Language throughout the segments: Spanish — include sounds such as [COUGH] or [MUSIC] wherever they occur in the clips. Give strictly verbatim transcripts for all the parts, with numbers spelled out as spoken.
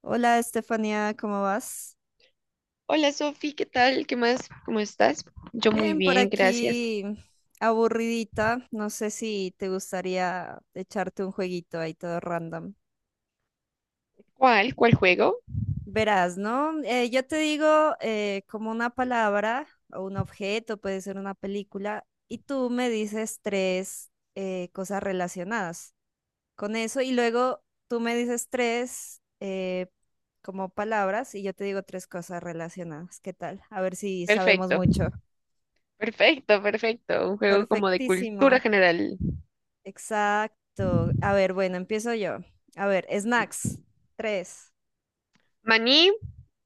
Hola Estefanía, ¿cómo vas? Hola Sofi, ¿qué tal? ¿Qué más? ¿Cómo estás? Yo muy Bien, por bien, gracias. aquí aburridita. No sé si te gustaría echarte un jueguito ahí todo random. ¿Cuál? ¿Cuál juego? Verás, ¿no? Eh, yo te digo eh, como una palabra o un objeto, puede ser una película, y tú me dices tres eh, cosas relacionadas con eso y luego tú me dices tres eh, como palabras y yo te digo tres cosas relacionadas. ¿Qué tal? A ver si sabemos Perfecto, mucho. perfecto, perfecto. Un juego como de Perfectísimo. cultura general. Exacto. A ver, bueno, empiezo yo. A ver, snacks. Tres. Maní,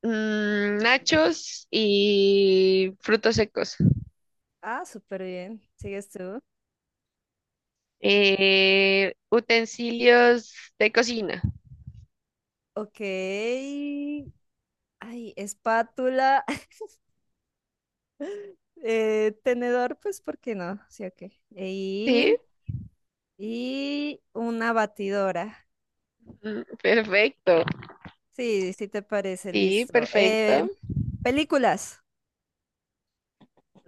mm, nachos y frutos secos. Ah, súper bien. ¿Sigues tú? Eh, utensilios de cocina. Ok. Ay, espátula. [LAUGHS] Eh, tenedor, pues, ¿por qué no? Sí, ok. Sí. Y, y una batidora. Mm, perfecto. Sí, sí te parece, Sí, listo. Eh, perfecto. Películas.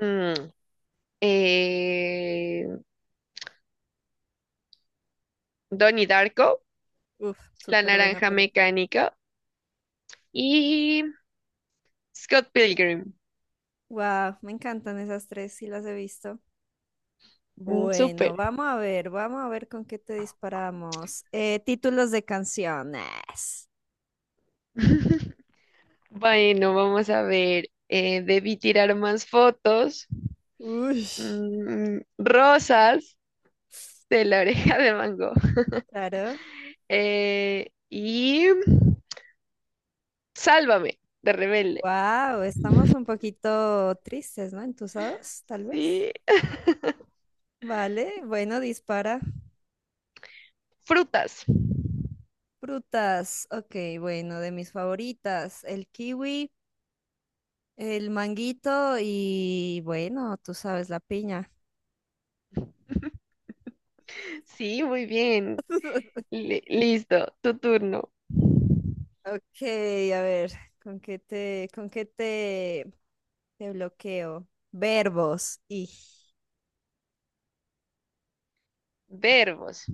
Mm, eh, Donnie Darko, Uf, la súper buena naranja película. mecánica. Y Scott Pilgrim. Wow, me encantan esas tres, sí las he visto. Mm, Bueno, súper. vamos a ver, vamos a ver con qué te disparamos. Eh, títulos de canciones. [LAUGHS] Bueno, vamos a ver. Eh, debí tirar más fotos. Uy, Mm, rosas de la oreja de mango. claro. Eh, y Sálvame de Rebelde. Wow, estamos un poquito tristes, ¿no? Entusados, tal vez. Sí, Vale, bueno, dispara. frutas. Frutas, ok, bueno, de mis favoritas, el kiwi, el manguito y bueno, tú sabes, la piña. [LAUGHS] Sí, muy bien. [LAUGHS] Li- listo, tu turno. Ok, a ver, ¿con qué te, con qué te de bloqueo. Verbos. Y. Verbos.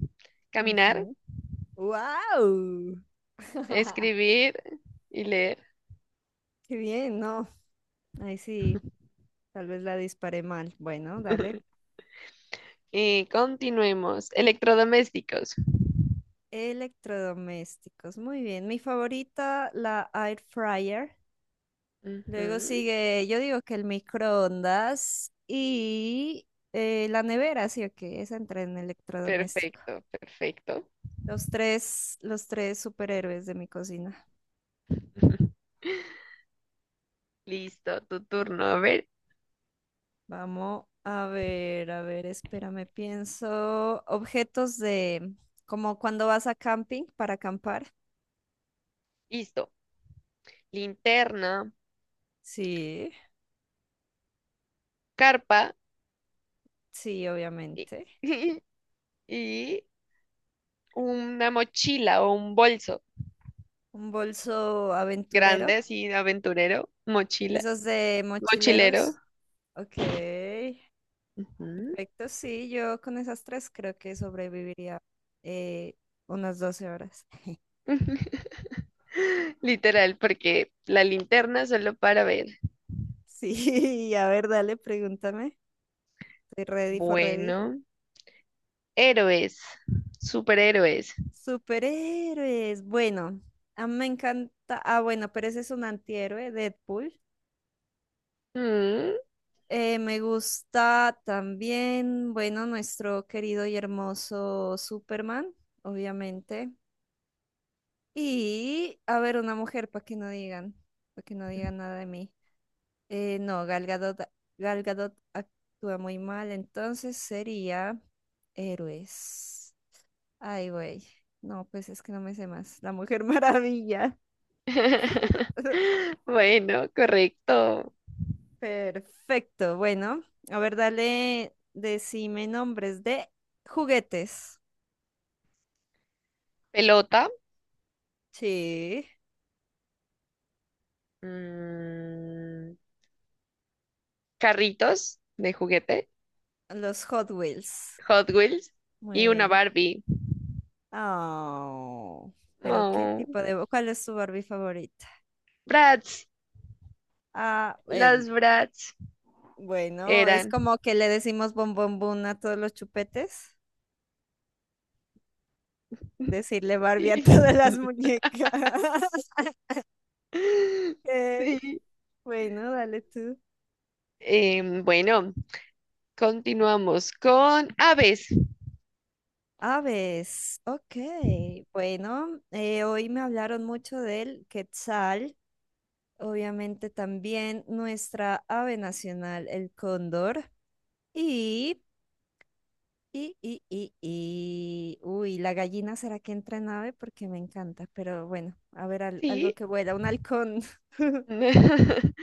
Caminar, Ujú. ¡Wow! [LAUGHS] escribir y leer. Qué bien, no. Ahí sí, tal vez la disparé mal. Bueno, dale. [LAUGHS] Y continuemos. Electrodomésticos. Electrodomésticos. Muy bien. Mi favorita, la air fryer. Luego Ujú. sigue, yo digo que el microondas y eh, la nevera, sí o que esa entra en electrodoméstico. Perfecto, perfecto. Los tres, los tres superhéroes de mi cocina. [LAUGHS] Listo, tu turno. A ver, Vamos a ver, a ver, espérame, pienso. Objetos de, como cuando vas a camping para acampar. listo. Linterna, Sí, carpa sí, y, obviamente. [LAUGHS] y una mochila o un bolso Un bolso aventurero, grande, así, aventurero, mochila, esos de mochilero. mochileros. Ok, Ujú. perfecto. Sí, yo con esas tres creo que sobreviviría eh, unas doce horas. [LAUGHS] [LAUGHS] Literal, porque la linterna solo para ver. Sí, a ver, dale, pregúntame. Estoy ready for ready. Bueno, héroes, superhéroes. Superhéroes. Bueno, a mí me encanta. Ah, bueno, pero ese es un antihéroe, Deadpool. Mm. Eh, me gusta también, bueno, nuestro querido y hermoso Superman, obviamente. Y, a ver, una mujer, para que no digan, para que no digan nada de mí. Eh, no, Gal Gadot, Gal Gadot actúa muy mal, entonces sería héroes. Ay, güey. No, pues es que no me sé más. La Mujer Maravilla. [LAUGHS] [LAUGHS] Bueno, correcto. Perfecto. Bueno, a ver, dale, decime nombres de juguetes. Pelota, Sí, mm, carritos de juguete, los Hot Wheels. Hot Wheels Muy y una bien. Barbie. Oh, pero ¿qué Oh, tipo de... ¿Cuál es tu Barbie favorita? Bratz, Ah, em, las Bratz bueno, es eran. como que le decimos bom bom bum a todos los chupetes. [LAUGHS] Decirle Barbie a [LAUGHS] todas Sí. [LAUGHS] las muñecas. [LAUGHS] Ok, Sí. bueno, dale tú. Em, bueno, continuamos con aves. Aves, ok. Bueno, eh, hoy me hablaron mucho del quetzal, obviamente también nuestra ave nacional, el cóndor, y, y, y, y, y, uy, la gallina será que entra en ave porque me encanta, pero bueno, a ver, al- algo Sí. que vuela, un halcón. [LAUGHS] [LAUGHS]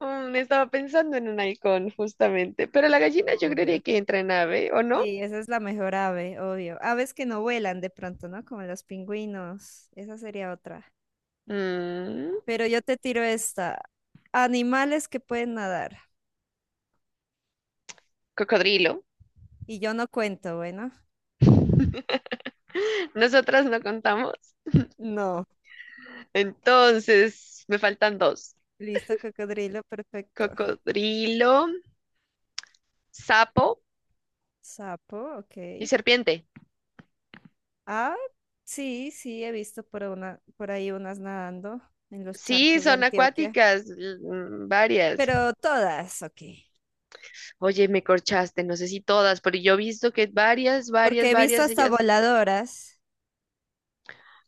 Mm, estaba pensando en un halcón, justamente. Pero la gallina yo Obvio. creería que entra en ave, ¿o no? Sí, esa es la mejor ave, obvio. Aves que no vuelan de pronto, ¿no? Como los pingüinos, esa sería otra. Mm, Pero yo te tiro esta. Animales que pueden nadar. cocodrilo. Y yo no cuento, bueno. Nosotras no contamos. No. Entonces, me faltan dos. Listo, cocodrilo, perfecto. Cocodrilo, sapo Sapo, ok. y serpiente. Ah, sí, sí, he visto por una, por ahí unas nadando en los Sí, charcos de son Antioquia. acuáticas, l- mm, varias. Pero todas, ok. Oye, me corchaste, no sé si todas, pero yo he visto que varias, Porque varias, he visto varias, hasta ellas, voladoras.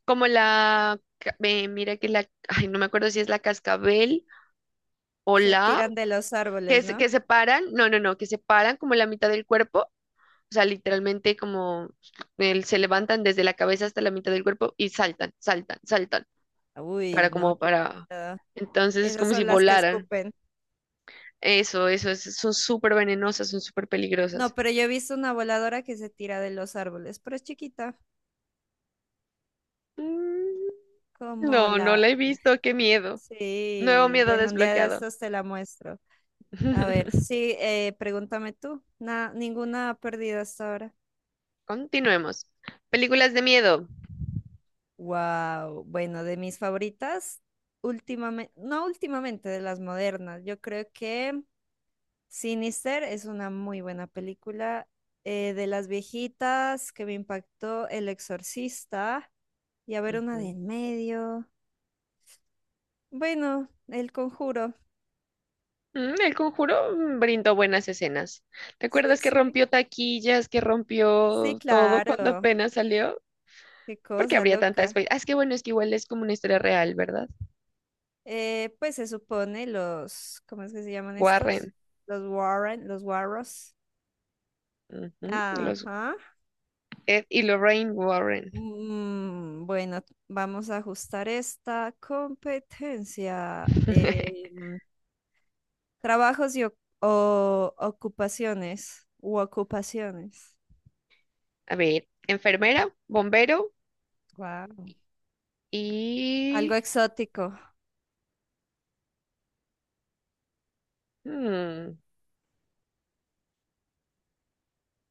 como la, ca- eh, mira que la, ay, no me acuerdo si es la cascabel o Se la, tiran de los que, árboles, se- ¿no? que separan, no, no, no, que separan como la mitad del cuerpo, o sea, literalmente como el- se levantan desde la cabeza hasta la mitad del cuerpo y saltan, saltan, saltan. Uy, Para no, como qué para... miedo. Entonces es Esas como si son las que volaran. escupen. Eso, eso, es- son súper venenosas, son súper No, peligrosas. pero yo he visto una voladora que se tira de los árboles, pero es chiquita. Mm, Como no, no la... la he visto, qué miedo. Nuevo Sí, miedo bueno, un día de desbloqueado. estos te la muestro. A ver, [LAUGHS] sí, eh, pregúntame tú. Na- ninguna perdida hasta ahora. Continuemos. Películas de miedo. Wow, bueno, de mis favoritas, últimamente, no últimamente, de las modernas, yo creo que Sinister es una muy buena película. Eh, de las viejitas que me impactó El Exorcista y a ver una de Ujú. en medio. Bueno, El Conjuro. Mm, El Conjuro mm, brindó buenas escenas. ¿Te Sí, acuerdas que sí. rompió taquillas, que Sí, rompió todo cuando claro. apenas salió? Qué Porque cosa habría tanta espe- loca. ah, es que bueno, es que igual es como una historia real, ¿verdad? Eh, pues se supone los, ¿cómo es que se llaman estos? Warren. Los Warren, los Warros. Ujú, los Ajá. Ed y Lorraine Warren. Mm, bueno, vamos a ajustar esta competencia. Eh, [LAUGHS] mm, trabajos y o, o- ocupaciones u ocupaciones. A ver, enfermera, bombero Wow. Algo y exótico, mm,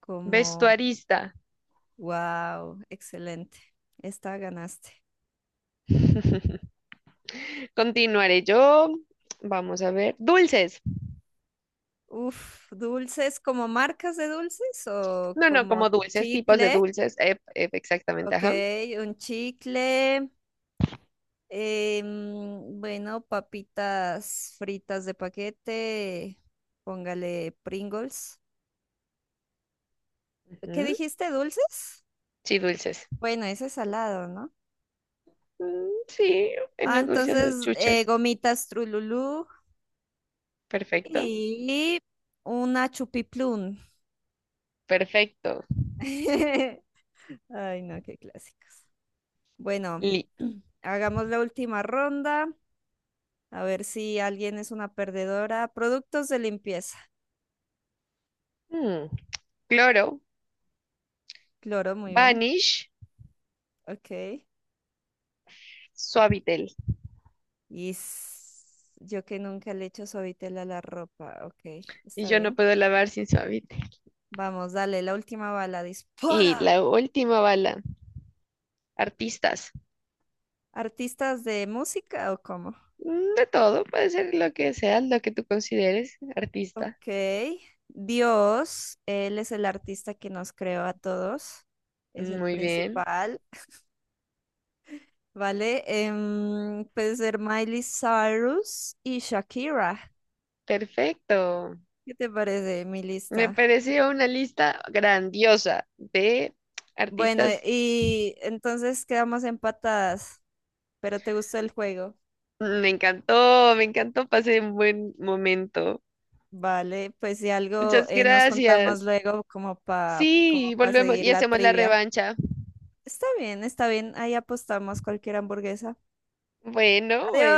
como vestuarista. wow, excelente. Esta ganaste. [LAUGHS] Continuaré yo. Vamos a ver. Dulces. Uf, dulces, ¿como marcas de dulces o No, no, como como dulces, tipos de chicles? dulces. Ep, ep, exactamente, Ok, ajá. un chicle. Em, bueno, papitas fritas de paquete. Póngale Pringles. ¿Qué Ujú. dijiste? ¿Dulces? Sí, dulces. Bueno, ese es salado, ¿no? Mm, sí, Ah, unos dulces o entonces, eh, chuches. gomitas Trululú Perfecto. y una chupiplum. Perfecto. [LAUGHS] Ay, no, qué clásicos. Bueno, Li-. [CLEARS THROAT] hagamos la última ronda. A ver si alguien es una perdedora. Productos de limpieza. Mm, Cloro, Cloro, muy bien. Vanish, Ok. Suavitel. Y s- yo que nunca le echo suavitel a la ropa, ok, Y está yo no bien. puedo lavar sin Suavitel. Vamos, dale, la última bala, Y dispara. la última bala. Artistas. ¿Artistas de música o cómo? Mm, De todo, puede ser lo que sea, lo que tú consideres artista. Ok, Dios, Él es el artista que nos creó a todos, es el Muy bien, principal, ¿vale? Em, puede ser Miley Cyrus y Shakira. perfecto. ¿Qué te parece mi Me lista? pareció una lista grandiosa de Bueno, artistas. y entonces quedamos empatadas, pero ¿te gustó el juego? Mm, Me encantó, me encantó, pasé un buen momento. Vale, pues si algo Muchas eh, nos juntamos gracias. luego como para como Sí, pa volvemos seguir y la hacemos la trivia. revancha. Está bien, está bien, ahí apostamos cualquier hamburguesa. Bueno, Adiós. bueno.